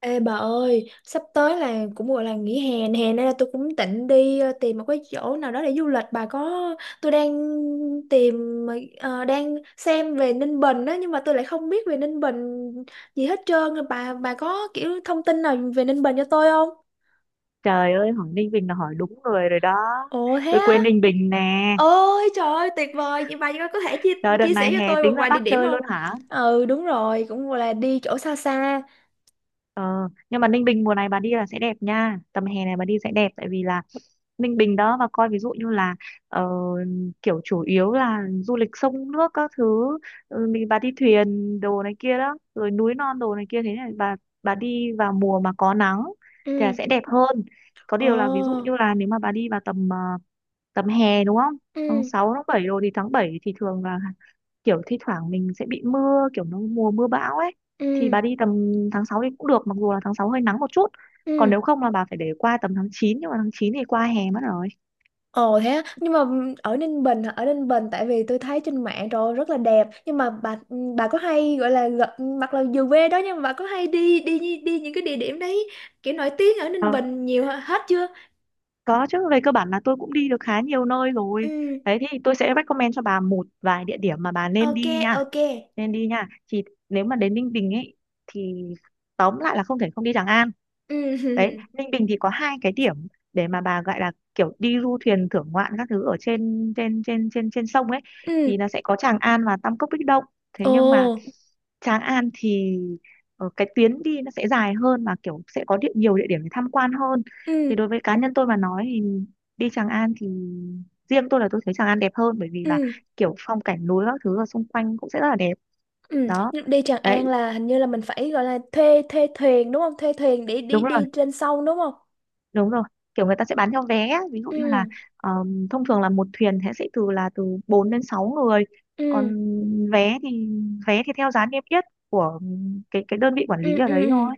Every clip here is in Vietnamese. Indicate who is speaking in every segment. Speaker 1: Ê bà ơi, sắp tới là cũng gọi là nghỉ hè nè, hè nên là tôi cũng định đi tìm một cái chỗ nào đó để du lịch. Bà có, tôi đang tìm, đang xem về Ninh Bình đó, nhưng mà tôi lại không biết về Ninh Bình gì hết trơn. Bà có kiểu thông tin nào về Ninh Bình cho tôi không?
Speaker 2: Trời ơi, hỏi Ninh Bình là hỏi đúng người rồi đó.
Speaker 1: Ồ thế
Speaker 2: Tôi
Speaker 1: á,
Speaker 2: quên Ninh Bình nè.
Speaker 1: ôi trời ơi tuyệt vời, vậy bà có thể chia,
Speaker 2: Trời đợt
Speaker 1: chia sẻ
Speaker 2: này
Speaker 1: cho
Speaker 2: hè
Speaker 1: tôi
Speaker 2: tính
Speaker 1: một
Speaker 2: ra
Speaker 1: vài địa
Speaker 2: Bắc
Speaker 1: điểm
Speaker 2: chơi
Speaker 1: không?
Speaker 2: luôn hả?
Speaker 1: Ừ đúng rồi, cũng gọi là đi chỗ xa xa.
Speaker 2: Ờ, nhưng mà Ninh Bình mùa này bà đi là sẽ đẹp nha, tầm hè này bà đi sẽ đẹp, tại vì là Ninh Bình đó. Và coi ví dụ như là ờ, kiểu chủ yếu là du lịch sông nước các thứ. Mình bà đi thuyền đồ này kia đó, rồi núi non đồ này kia, thế này bà đi vào mùa mà có nắng
Speaker 1: Ừ,
Speaker 2: thì là sẽ đẹp hơn. Có
Speaker 1: ồ,
Speaker 2: điều là ví dụ như là nếu mà bà đi vào tầm hè đúng không, tháng
Speaker 1: ừ,
Speaker 2: sáu tháng bảy rồi thì tháng 7 thì thường là kiểu thi thoảng mình sẽ bị mưa, kiểu nó mùa mưa bão ấy, thì
Speaker 1: ừ,
Speaker 2: bà đi tầm tháng 6 thì cũng được, mặc dù là tháng 6 hơi nắng một chút. Còn
Speaker 1: ừ.
Speaker 2: nếu không là bà phải để qua tầm tháng 9, nhưng mà tháng 9 thì qua hè mất rồi.
Speaker 1: Ồ thế á, nhưng mà ở Ninh Bình hả? Ở Ninh Bình, tại vì tôi thấy trên mạng rồi rất là đẹp, nhưng mà bà có hay gọi là gặp, mặc là dù quê đó nhưng mà bà có hay đi đi những cái địa điểm đấy kiểu nổi tiếng ở Ninh
Speaker 2: Ờ,
Speaker 1: Bình hết chưa?
Speaker 2: có chứ, về cơ bản là tôi cũng đi được khá nhiều nơi rồi
Speaker 1: Ừ,
Speaker 2: đấy, thì tôi sẽ recommend cho bà một vài địa điểm mà bà nên
Speaker 1: ok,
Speaker 2: đi nha.
Speaker 1: ok.
Speaker 2: Thì nếu mà đến Ninh Bình ấy thì tóm lại là không thể không đi Tràng An.
Speaker 1: Ừ,
Speaker 2: Đấy Ninh Bình thì có hai cái điểm để mà bà gọi là kiểu đi du thuyền thưởng ngoạn các thứ ở trên trên trên trên trên sông ấy,
Speaker 1: ừ,
Speaker 2: thì nó sẽ có Tràng An và Tam Cốc Bích Động. Thế
Speaker 1: ồ,
Speaker 2: nhưng mà Tràng An thì cái tuyến đi nó sẽ dài hơn, mà kiểu sẽ có nhiều địa điểm để tham quan hơn. Thì
Speaker 1: ừ,
Speaker 2: đối với cá nhân tôi mà nói thì đi Tràng An thì riêng tôi là tôi thấy Tràng An đẹp hơn, bởi vì là
Speaker 1: ừ,
Speaker 2: kiểu phong cảnh núi các thứ ở xung quanh cũng sẽ rất là đẹp.
Speaker 1: ừ.
Speaker 2: Đó.
Speaker 1: Nhưng đi Tràng
Speaker 2: Đấy.
Speaker 1: An là hình như là mình phải gọi là thuê thuê thuyền đúng không? Thuê thuyền để đi
Speaker 2: Đúng.
Speaker 1: đi trên sông đúng không?
Speaker 2: Đúng rồi, kiểu người ta sẽ bán theo vé á. Ví dụ như là
Speaker 1: Ừ,
Speaker 2: thông thường là một thuyền thế sẽ từ 4 đến 6 người.
Speaker 1: ừ,
Speaker 2: Còn vé thì vé thì theo giá niêm yết của cái đơn vị quản
Speaker 1: ừ,
Speaker 2: lý ở
Speaker 1: ừ.
Speaker 2: đấy
Speaker 1: Ừ.
Speaker 2: thôi.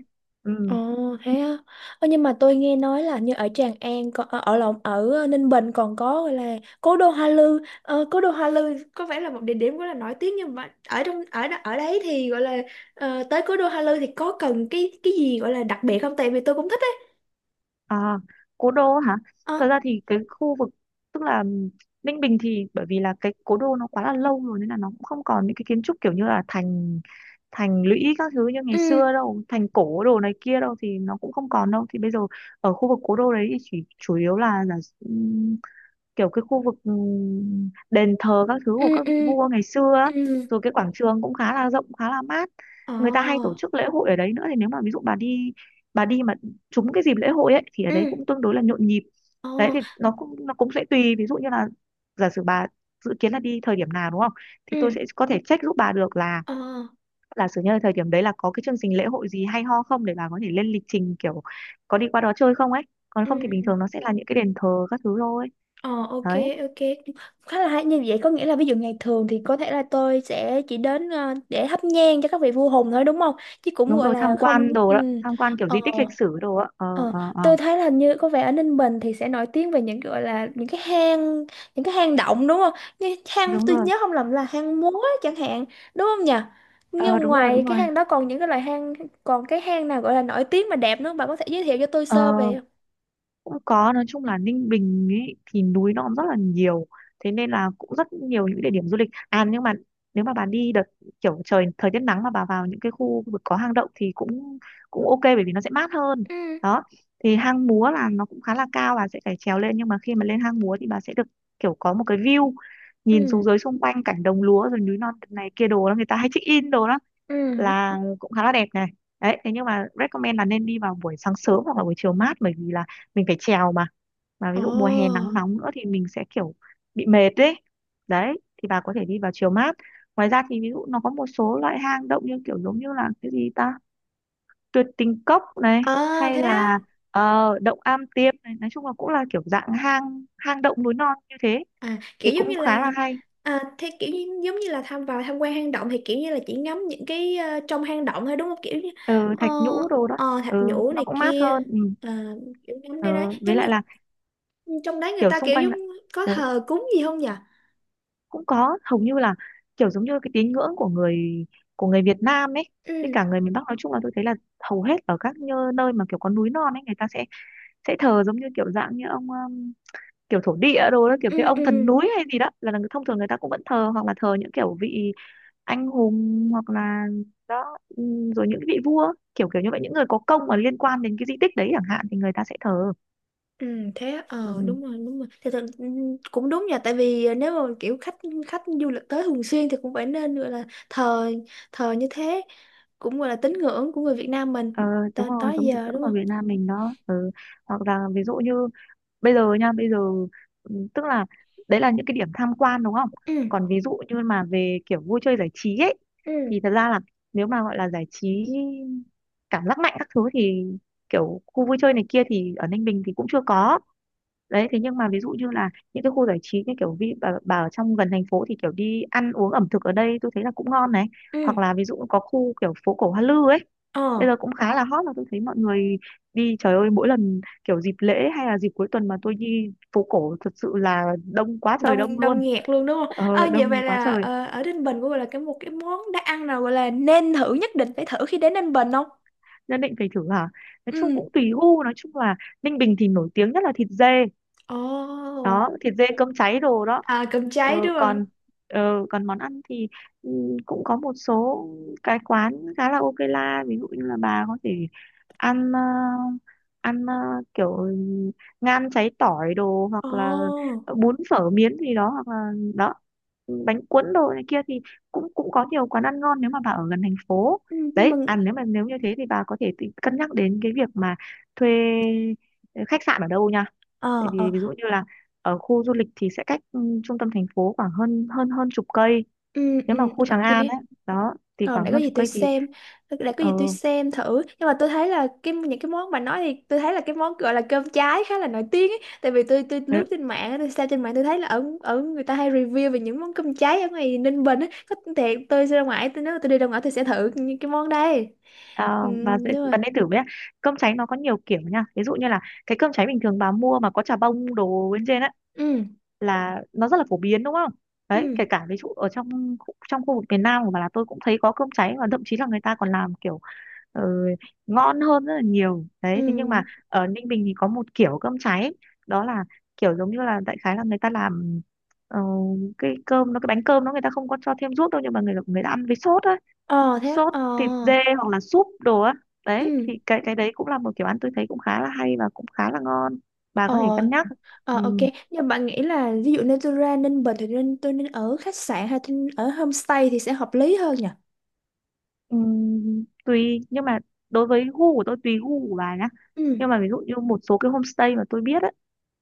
Speaker 1: Ồ
Speaker 2: Ừ.
Speaker 1: thế á. Ơ, nhưng mà tôi nghe nói là như ở Tràng An, còn ở ở lộn, Ninh Bình còn có gọi là cố đô Hoa Lư. Ờ, cố đô Hoa Lư có vẻ là một địa điểm rất là nổi tiếng, nhưng mà ở trong ở đấy thì gọi là, tới cố đô Hoa Lư thì có cần cái gì gọi là đặc biệt không? Tại vì tôi cũng thích ấy.
Speaker 2: À, cố đô hả, thật
Speaker 1: Ờ.
Speaker 2: ra thì cái khu vực tức là Ninh Bình thì bởi vì là cái cố đô nó quá là lâu rồi, nên là nó cũng không còn những cái kiến trúc kiểu như là thành thành lũy các thứ như ngày
Speaker 1: Ừ,
Speaker 2: xưa đâu, thành cổ đồ này kia đâu thì nó cũng không còn đâu. Thì bây giờ ở khu vực cố đô đấy thì chỉ chủ yếu là kiểu cái khu vực đền thờ các thứ
Speaker 1: ừ,
Speaker 2: của các
Speaker 1: ừ,
Speaker 2: vị vua ngày xưa á.
Speaker 1: ừ.
Speaker 2: Rồi cái quảng trường cũng khá là rộng, khá là mát,
Speaker 1: Ờ.
Speaker 2: người ta hay tổ chức lễ hội ở đấy nữa. Thì nếu mà ví dụ bà đi mà trúng cái dịp lễ hội ấy thì ở đấy
Speaker 1: Ừ.
Speaker 2: cũng tương đối là nhộn nhịp.
Speaker 1: Ờ.
Speaker 2: Đấy thì nó cũng sẽ tùy, ví dụ như là giả sử bà dự kiến là đi thời điểm nào đúng không, thì tôi
Speaker 1: Ừ.
Speaker 2: sẽ có thể check giúp bà được là
Speaker 1: Ờ.
Speaker 2: giả sử như là thời điểm đấy là có cái chương trình lễ hội gì hay ho không, để bà có thể lên lịch trình kiểu có đi qua đó chơi không ấy. Còn
Speaker 1: Ừ.
Speaker 2: không thì bình thường nó sẽ là những cái đền thờ các thứ thôi.
Speaker 1: Ờ, ok,
Speaker 2: Đấy.
Speaker 1: ok. Cũng khá là hay. Như vậy có nghĩa là ví dụ ngày thường thì có thể là tôi sẽ chỉ đến, để thắp nhang cho các vị vua Hùng thôi đúng không, chứ cũng
Speaker 2: Đúng
Speaker 1: gọi
Speaker 2: rồi,
Speaker 1: là
Speaker 2: tham quan
Speaker 1: không.
Speaker 2: đồ đó,
Speaker 1: Ừ.
Speaker 2: tham quan kiểu
Speaker 1: ờ
Speaker 2: di tích lịch sử đồ á. Ờ
Speaker 1: ờ
Speaker 2: ờ ờ
Speaker 1: tôi thấy là như có vẻ ở Ninh Bình thì sẽ nổi tiếng về những gọi là những cái hang động đúng không, như hang,
Speaker 2: Đúng
Speaker 1: tôi
Speaker 2: rồi.
Speaker 1: nhớ không lầm, là Hang Múa chẳng hạn, đúng không nhỉ?
Speaker 2: Ờ
Speaker 1: Nhưng
Speaker 2: Đúng rồi.
Speaker 1: ngoài
Speaker 2: Đúng
Speaker 1: cái
Speaker 2: rồi.
Speaker 1: hang đó còn những cái loại hang, còn cái hang nào gọi là nổi tiếng mà đẹp nữa không? Bạn có thể giới thiệu cho tôi
Speaker 2: ờ
Speaker 1: sơ về không?
Speaker 2: Cũng có, nói chung là Ninh Bình ấy thì núi nó cũng rất là nhiều, thế nên là cũng rất nhiều những địa điểm du lịch. À nhưng mà nếu mà bà đi đợt kiểu trời thời tiết nắng mà bà vào những cái khu vực có hang động thì cũng cũng ok, bởi vì nó sẽ mát hơn.
Speaker 1: Ừ.
Speaker 2: Đó thì hang múa là nó cũng khá là cao, bà sẽ phải trèo lên, nhưng mà khi mà lên hang múa thì bà sẽ được kiểu có một cái view nhìn xuống
Speaker 1: Ừ.
Speaker 2: dưới xung quanh cảnh đồng lúa rồi núi non này kia đồ đó, người ta hay check in đồ đó,
Speaker 1: Ừ.
Speaker 2: là cũng khá là đẹp này. Đấy thế nhưng mà recommend là nên đi vào buổi sáng sớm hoặc là buổi chiều mát, bởi vì là mình phải trèo mà
Speaker 1: Ồ.
Speaker 2: ví dụ mùa hè nắng nóng nữa thì mình sẽ kiểu bị mệt đấy. Đấy thì bà có thể đi vào chiều mát. Ngoài ra thì ví dụ nó có một số loại hang động như kiểu giống như là cái gì ta, tuyệt tình cốc này,
Speaker 1: Ờ
Speaker 2: hay
Speaker 1: thế á.
Speaker 2: là động am tiêm này, nói chung là cũng là kiểu dạng hang hang động núi non như thế
Speaker 1: À,
Speaker 2: thì
Speaker 1: kiểu giống
Speaker 2: cũng
Speaker 1: như
Speaker 2: khá
Speaker 1: là,
Speaker 2: là hay.
Speaker 1: à, thế kiểu như, giống như là tham vào tham quan hang động thì kiểu như là chỉ ngắm những cái, trong hang động thôi đúng không, kiểu như,
Speaker 2: Ừ,
Speaker 1: ờ,
Speaker 2: thạch nhũ đồ đó. Ừ,
Speaker 1: thạch nhũ
Speaker 2: nó
Speaker 1: này
Speaker 2: cũng mát
Speaker 1: kia.
Speaker 2: hơn. Ừ.
Speaker 1: Ờ, kiểu ngắm
Speaker 2: Ừ,
Speaker 1: cái đấy
Speaker 2: với
Speaker 1: giống như
Speaker 2: lại là
Speaker 1: trong đấy người
Speaker 2: kiểu
Speaker 1: ta
Speaker 2: xung
Speaker 1: kiểu
Speaker 2: quanh
Speaker 1: giống,
Speaker 2: là,
Speaker 1: có
Speaker 2: ừ,
Speaker 1: thờ cúng gì không nhỉ?
Speaker 2: cũng có. Hầu như là kiểu giống như cái tín ngưỡng của người Việt Nam ấy.
Speaker 1: Ừ,
Speaker 2: Với cả người miền Bắc nói chung là tôi thấy là hầu hết ở các nơi mà kiểu có núi non ấy, người ta sẽ thờ giống như kiểu dạng như ông kiểu thổ địa đồ đó, kiểu cái
Speaker 1: ừ,
Speaker 2: ông thần
Speaker 1: ừ.
Speaker 2: núi hay gì đó là thông thường người ta cũng vẫn thờ, hoặc là thờ những kiểu vị anh hùng hoặc là đó, rồi những vị vua kiểu kiểu như vậy, những người có công mà liên quan đến cái di tích đấy chẳng hạn thì người ta sẽ thờ.
Speaker 1: Ừ, thế á, ờ,
Speaker 2: Ừ.
Speaker 1: đúng rồi, đúng rồi, thì thật, ừ, cũng đúng nha. Tại vì nếu mà kiểu khách khách du lịch tới thường xuyên thì cũng phải nên gọi là thờ thờ như thế, cũng gọi là tín ngưỡng của người Việt Nam mình
Speaker 2: ờ, Đúng
Speaker 1: tới
Speaker 2: rồi,
Speaker 1: tới
Speaker 2: giống tín
Speaker 1: giờ
Speaker 2: ngưỡng
Speaker 1: đúng
Speaker 2: của
Speaker 1: không?
Speaker 2: Việt Nam mình đó. Ừ. Hoặc là ví dụ như bây giờ nha, bây giờ tức là đấy là những cái điểm tham quan đúng không,
Speaker 1: Ừ,
Speaker 2: còn ví dụ như mà về kiểu vui chơi giải trí ấy thì
Speaker 1: ừ,
Speaker 2: thật ra là nếu mà gọi là giải trí cảm giác mạnh các thứ thì kiểu khu vui chơi này kia thì ở Ninh Bình thì cũng chưa có. Đấy thế nhưng mà ví dụ như là những cái khu giải trí như kiểu bà ở trong gần thành phố thì kiểu đi ăn uống ẩm thực ở đây tôi thấy là cũng ngon này. Hoặc
Speaker 1: ừ,
Speaker 2: là ví dụ có khu kiểu phố cổ Hoa Lư ấy
Speaker 1: ờ,
Speaker 2: bây giờ cũng khá là hot, là tôi thấy mọi người đi trời ơi, mỗi lần kiểu dịp lễ hay là dịp cuối tuần mà tôi đi phố cổ thật sự là đông quá trời, đông
Speaker 1: đông, đông
Speaker 2: luôn.
Speaker 1: nghẹt luôn đúng không? Ờ vậy, vậy
Speaker 2: Đông quá
Speaker 1: là,
Speaker 2: trời.
Speaker 1: ở Ninh Bình cũng gọi là cái, một cái món đã ăn nào gọi là nên thử, nhất định phải thử khi đến Ninh Bình không?
Speaker 2: Nhất định phải thử hả, nói chung
Speaker 1: Ừ.
Speaker 2: cũng tùy gu, nói chung là Ninh Bình thì nổi tiếng nhất là thịt dê
Speaker 1: Ồ.
Speaker 2: đó, thịt dê cơm cháy đồ đó.
Speaker 1: À, cơm cháy đúng không?
Speaker 2: Còn còn món ăn thì ừ, cũng có một số cái quán khá là ok la, ví dụ như là bà có thể ăn ờ, ăn kiểu ngan cháy tỏi đồ, hoặc là
Speaker 1: Ồ.
Speaker 2: bún phở miến gì đó, hoặc là đó bánh cuốn đồ này kia thì cũng cũng có nhiều quán ăn ngon nếu mà bà ở gần thành phố.
Speaker 1: Ừ, nhưng mà.
Speaker 2: Đấy ăn, nếu mà như thế thì bà có thể tự cân nhắc đến cái việc mà thuê khách sạn ở đâu nha, tại
Speaker 1: Ờ, ờ.
Speaker 2: vì ví dụ như là ở khu du lịch thì sẽ cách trung tâm thành phố khoảng hơn hơn hơn chục cây
Speaker 1: Ừ,
Speaker 2: nếu
Speaker 1: ừ,
Speaker 2: mà khu Tràng
Speaker 1: ok.
Speaker 2: An ấy. Đó thì
Speaker 1: Rồi,
Speaker 2: khoảng hơn chục cây thì
Speaker 1: để có
Speaker 2: ờ,
Speaker 1: gì tôi xem thử. Nhưng mà tôi thấy là cái những cái món bà nói thì tôi thấy là cái món gọi là cơm cháy khá là nổi tiếng ấy. Tại vì tôi
Speaker 2: ừ,
Speaker 1: lướt trên mạng, tôi xem trên mạng, tôi thấy là ở ở người ta hay review về những món cơm cháy ở ngoài Ninh Bình ấy. Có thiệt tôi ra ngoài, tôi, nếu mà tôi đi ra ngoài, tôi sẽ thử những cái món đây. Ừ,
Speaker 2: và
Speaker 1: đúng
Speaker 2: dễ
Speaker 1: rồi.
Speaker 2: bạn nên thử với ạ. Cơm cháy nó có nhiều kiểu nha, ví dụ như là cái cơm cháy bình thường bà mua mà có chả bông đồ bên trên ấy,
Speaker 1: Ừ,
Speaker 2: là nó rất là phổ biến đúng không, đấy kể
Speaker 1: ừ,
Speaker 2: cả ví dụ ở trong trong khu vực miền Nam của bà là tôi cũng thấy có cơm cháy, và thậm chí là người ta còn làm kiểu ừ, ngon hơn rất là nhiều đấy. Thế nhưng mà
Speaker 1: ừ.
Speaker 2: ở Ninh Bình thì có một kiểu cơm cháy, đó là kiểu giống như là đại khái là người ta làm ờ, cái cơm nó cái bánh cơm nó người ta không có cho thêm ruốc đâu, nhưng mà người người ta ăn với sốt á,
Speaker 1: Ờ thế, á?
Speaker 2: sốt
Speaker 1: Ờ.
Speaker 2: thịt dê hoặc là súp đồ á. Đấy
Speaker 1: Ừ.
Speaker 2: thì cái đấy cũng là một kiểu ăn tôi thấy cũng khá là hay và cũng khá là ngon, bà
Speaker 1: Ờ,
Speaker 2: có thể cân nhắc.
Speaker 1: ờ, ok,
Speaker 2: Ừ,
Speaker 1: nhưng bạn nghĩ là ví dụ Natura Ninh Bình thì nên, tôi nên ở khách sạn hay tôi nên ở homestay thì sẽ hợp lý hơn nhỉ?
Speaker 2: ừ, tùy nhưng mà đối với gu của tôi, tùy gu của bà nhá,
Speaker 1: Ừ,
Speaker 2: nhưng mà ví dụ như một số cái homestay mà tôi biết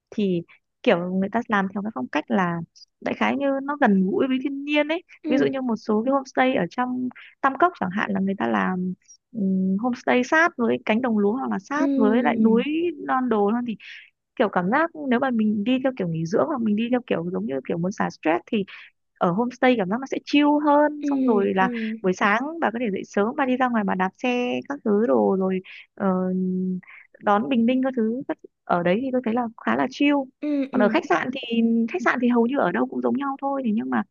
Speaker 2: thì kiểu người ta làm theo cái phong cách là đại khái như nó gần gũi với thiên nhiên ấy. Ví dụ
Speaker 1: ừ,
Speaker 2: như một số cái homestay ở trong Tam Cốc chẳng hạn là người ta làm homestay sát với cánh đồng lúa hoặc là sát với lại
Speaker 1: ừ,
Speaker 2: núi non đồ non, thì kiểu cảm giác nếu mà mình đi theo kiểu nghỉ dưỡng hoặc mình đi theo kiểu giống như kiểu muốn xả stress, thì ở homestay cảm giác nó sẽ chill hơn.
Speaker 1: ừ,
Speaker 2: Xong rồi
Speaker 1: ừ,
Speaker 2: là buổi sáng bà có thể dậy sớm, bà đi ra ngoài bà đạp xe các thứ đồ rồi ờ, đón bình minh các thứ ở đấy thì tôi thấy là khá là chill.
Speaker 1: ừ,
Speaker 2: Còn ở
Speaker 1: ừ.
Speaker 2: khách sạn thì hầu như ở đâu cũng giống nhau thôi, thì nhưng mà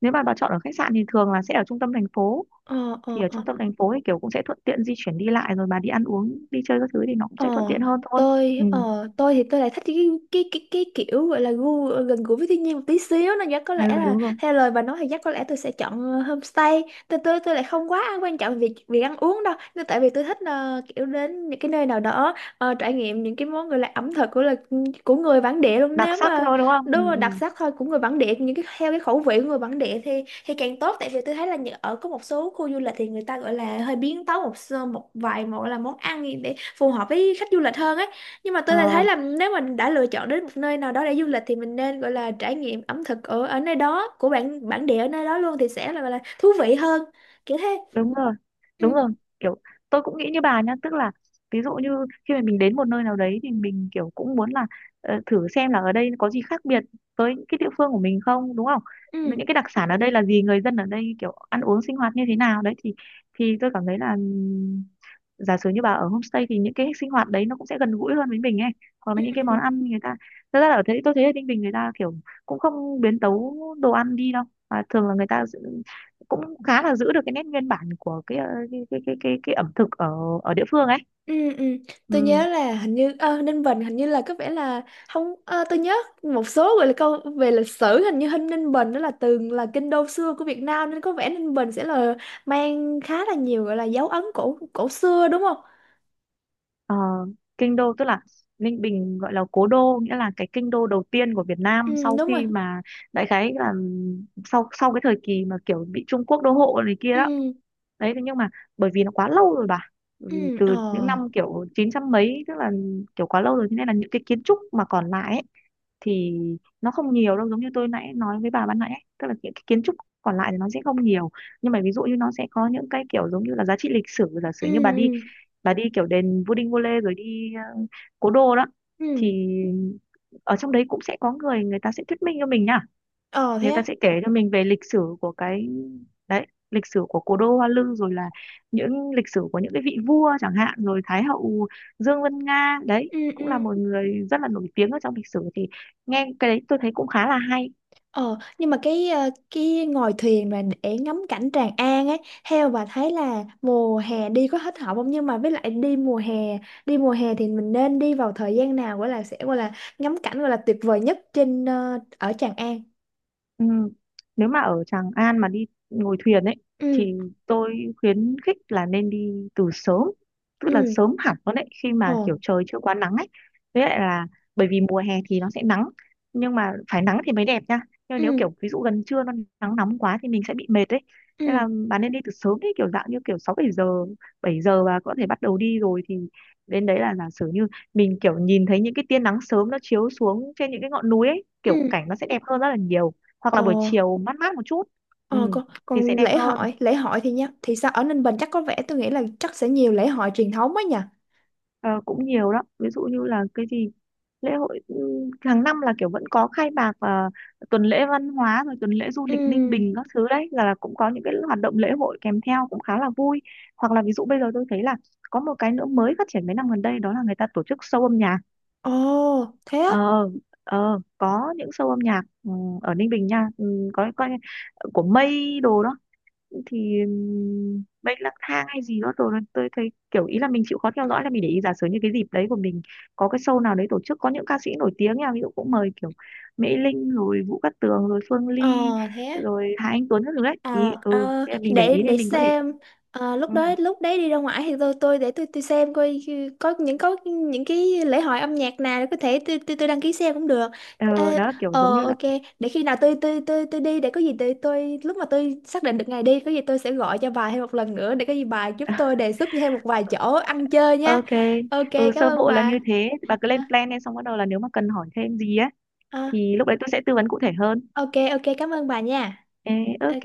Speaker 2: nếu mà bà chọn ở khách sạn thì thường là sẽ ở trung tâm thành phố,
Speaker 1: Ờ,
Speaker 2: thì
Speaker 1: ờ,
Speaker 2: ở
Speaker 1: ờ.
Speaker 2: trung tâm thành phố thì kiểu cũng sẽ thuận tiện di chuyển đi lại, rồi bà đi ăn uống đi chơi các thứ thì nó cũng
Speaker 1: Ờ,
Speaker 2: sẽ thuận tiện hơn thôi.
Speaker 1: tôi
Speaker 2: Ừ,
Speaker 1: ờ, tôi thì tôi lại thích cái, cái kiểu gọi là gu, gần gũi với thiên nhiên một tí xíu, nên chắc có
Speaker 2: ừ
Speaker 1: lẽ là
Speaker 2: đúng rồi,
Speaker 1: theo lời bà nói thì chắc có lẽ tôi sẽ chọn, homestay. Tôi lại không quá quan trọng việc việc ăn uống đâu. Nên tại vì tôi thích, kiểu đến những cái nơi nào đó, trải nghiệm những cái món gọi là ẩm thực của người bản địa luôn.
Speaker 2: đặc
Speaker 1: Nếu
Speaker 2: sắc
Speaker 1: mà,
Speaker 2: thôi đúng không? Ừ,
Speaker 1: đúng rồi, đặc
Speaker 2: ừ.
Speaker 1: sắc thôi, của người bản địa, những cái theo cái khẩu vị của người bản địa thì càng tốt. Tại vì tôi thấy là ở có một số khu du lịch thì người ta gọi là hơi biến tấu một vài, một là món ăn gì để phù hợp với khách du lịch hơn ấy. Nhưng mà tôi lại
Speaker 2: Ờ,
Speaker 1: thấy là nếu mình đã lựa chọn đến một nơi nào đó để du lịch thì mình nên gọi là trải nghiệm ẩm thực ở ở nơi đó, của bản bản địa ở nơi đó luôn, thì sẽ là thú vị hơn, kiểu thế.
Speaker 2: đúng rồi, đúng
Speaker 1: Ừ,
Speaker 2: rồi. Kiểu tôi cũng nghĩ như bà nhá, tức là ví dụ như khi mà mình đến một nơi nào đấy thì mình kiểu cũng muốn là thử xem là ở đây có gì khác biệt với những cái địa phương của mình không, đúng không?
Speaker 1: ừ,
Speaker 2: Những cái đặc sản ở đây là gì, người dân ở đây kiểu ăn uống sinh hoạt như thế nào đấy, thì tôi cảm thấy là giả sử như bà ở homestay thì những cái sinh hoạt đấy nó cũng sẽ gần gũi hơn với mình ấy, hoặc
Speaker 1: ừ,
Speaker 2: là những cái
Speaker 1: ừ.
Speaker 2: món ăn người ta thật ra là ở thế tôi thấy ở Ninh Bình người ta kiểu cũng không biến tấu đồ ăn đi đâu, mà thường là cũng khá là giữ được cái nét nguyên bản của cái ờ, cái ẩm thực ở ở địa phương ấy.
Speaker 1: Ừ, ừ. Tôi
Speaker 2: Ừ.
Speaker 1: nhớ là hình như, Ninh Bình hình như là có vẻ là không, tôi nhớ một số gọi là câu về lịch sử, hình như Ninh Bình đó là từng là kinh đô xưa của Việt Nam, nên có vẻ Ninh Bình sẽ là mang khá là nhiều gọi là dấu ấn cổ, cổ xưa đúng không?
Speaker 2: Ờ, kinh đô tức là Ninh Bình gọi là cố đô, nghĩa là cái kinh đô đầu tiên của Việt Nam
Speaker 1: Ừ
Speaker 2: sau
Speaker 1: đúng rồi.
Speaker 2: khi mà đại khái là sau sau cái thời kỳ mà kiểu bị Trung Quốc đô hộ này kia đó.
Speaker 1: Ừ,
Speaker 2: Đấy thế nhưng mà bởi vì nó quá lâu rồi bà, bởi
Speaker 1: ừ,
Speaker 2: vì
Speaker 1: ờ,
Speaker 2: từ những năm kiểu chín trăm mấy, tức là kiểu quá lâu rồi thế nên là những cái kiến trúc mà còn lại ấy, thì nó không nhiều đâu, giống như tôi nãy nói với bà ban nãy ấy, tức là những cái kiến trúc còn lại thì nó sẽ không nhiều, nhưng mà ví dụ như nó sẽ có những cái kiểu giống như là giá trị lịch sử. Giả
Speaker 1: ừ,
Speaker 2: sử như bà đi,
Speaker 1: ừ,
Speaker 2: bà đi kiểu đền Vua Đinh Vua Lê rồi đi cố đô đó,
Speaker 1: ừ,
Speaker 2: thì ở trong đấy cũng sẽ có người người ta sẽ thuyết minh cho mình nha,
Speaker 1: ờ thế
Speaker 2: người
Speaker 1: á.
Speaker 2: ta sẽ kể cho mình về lịch sử của cái đấy, lịch sử của cố đô Hoa Lư, rồi là những lịch sử của những cái vị vua chẳng hạn, rồi Thái hậu Dương Vân Nga, đấy
Speaker 1: Ừ, ừ.
Speaker 2: cũng là một người rất là nổi tiếng ở trong lịch sử, thì nghe cái đấy tôi thấy cũng khá là hay.
Speaker 1: Ờ, nhưng mà cái ngồi thuyền mà để ngắm cảnh Tràng An ấy, theo bà thấy là mùa hè đi có hết hợp không? Nhưng mà với lại đi mùa hè thì mình nên đi vào thời gian nào gọi là sẽ gọi là ngắm cảnh gọi là tuyệt vời nhất trên, ở Tràng An.
Speaker 2: Ừ. Nếu mà ở Tràng An mà đi ngồi thuyền ấy
Speaker 1: Ừ,
Speaker 2: thì tôi khuyến khích là nên đi từ sớm, tức là
Speaker 1: ừ,
Speaker 2: sớm hẳn luôn đấy, khi
Speaker 1: ồ,
Speaker 2: mà kiểu trời chưa quá nắng ấy, với lại là bởi vì mùa hè thì nó sẽ nắng, nhưng mà phải nắng thì mới đẹp nha, nhưng
Speaker 1: ừ,
Speaker 2: nếu kiểu ví dụ gần trưa nó nắng nóng quá thì mình sẽ bị mệt ấy, nên
Speaker 1: ừ,
Speaker 2: là bạn nên đi từ sớm đấy, kiểu dạng như kiểu sáu bảy giờ, 7 giờ và có thể bắt đầu đi rồi, thì đến đấy là giả sử như mình kiểu nhìn thấy những cái tia nắng sớm nó chiếu xuống trên những cái ngọn núi ấy,
Speaker 1: ừ,
Speaker 2: kiểu cảnh nó sẽ đẹp hơn rất là nhiều, hoặc là
Speaker 1: ồ,
Speaker 2: buổi chiều mát mát một chút, ừ,
Speaker 1: ờ, còn,
Speaker 2: thì sẽ
Speaker 1: còn
Speaker 2: đẹp
Speaker 1: lễ
Speaker 2: hơn.
Speaker 1: hội, lễ hội thì nhá, thì sao ở Ninh Bình, chắc có vẻ tôi nghĩ là chắc sẽ nhiều lễ hội truyền thống ấy nhỉ?
Speaker 2: Ờ, cũng nhiều đó, ví dụ như là cái gì lễ hội, ừ, hàng năm là kiểu vẫn có khai mạc, và tuần lễ văn hóa rồi tuần lễ du
Speaker 1: Ừ,
Speaker 2: lịch Ninh Bình các thứ đấy, là cũng có những cái hoạt động lễ hội kèm theo cũng khá là vui. Hoặc là ví dụ bây giờ tôi thấy là có một cái nữa mới phát triển mấy năm gần đây, đó là người ta tổ chức show âm nhạc.
Speaker 1: ồ, thế á?
Speaker 2: Ờ ờ có những show âm nhạc, ừ, ở Ninh Bình nha, ừ, có, của Mây đồ đó, thì bệnh lang thang hay gì đó. Rồi tôi thấy kiểu ý là mình chịu khó theo dõi, là mình để ý giả sử như cái dịp đấy của mình có cái show nào đấy tổ chức có những ca sĩ nổi tiếng nha, ví dụ cũng mời kiểu Mỹ Linh rồi Vũ Cát Tường rồi Phương
Speaker 1: Ờ,
Speaker 2: Ly
Speaker 1: thế á.
Speaker 2: rồi Hà Anh Tuấn các thứ đấy
Speaker 1: Ờ,
Speaker 2: ý, ừ
Speaker 1: ờ,
Speaker 2: thế là mình để
Speaker 1: để
Speaker 2: ý để
Speaker 1: để
Speaker 2: mình có thể,
Speaker 1: xem. Ờ, lúc
Speaker 2: ừ,
Speaker 1: đó lúc đấy đi ra ngoài thì tôi để tôi xem coi có những cái lễ hội âm nhạc nào để có thể tôi đăng ký xem cũng được.
Speaker 2: ờ,
Speaker 1: Ê,
Speaker 2: đó kiểu giống như là
Speaker 1: ok, để khi nào tôi đi, để có gì tôi lúc mà tôi xác định được ngày đi, có gì tôi sẽ gọi cho bà thêm một lần nữa, để có gì bà giúp tôi đề xuất thêm một vài chỗ ăn chơi nha.
Speaker 2: ok.
Speaker 1: Ok,
Speaker 2: Ừ
Speaker 1: cảm
Speaker 2: sơ
Speaker 1: ơn
Speaker 2: bộ là như
Speaker 1: bà.
Speaker 2: thế, bà cứ
Speaker 1: À,
Speaker 2: lên plan lên xong bắt đầu là nếu mà cần hỏi thêm gì á
Speaker 1: à,
Speaker 2: thì lúc đấy tôi sẽ tư vấn cụ thể hơn.
Speaker 1: ok, ok, cảm ơn bà nha.
Speaker 2: Ê,
Speaker 1: Ok.
Speaker 2: ok.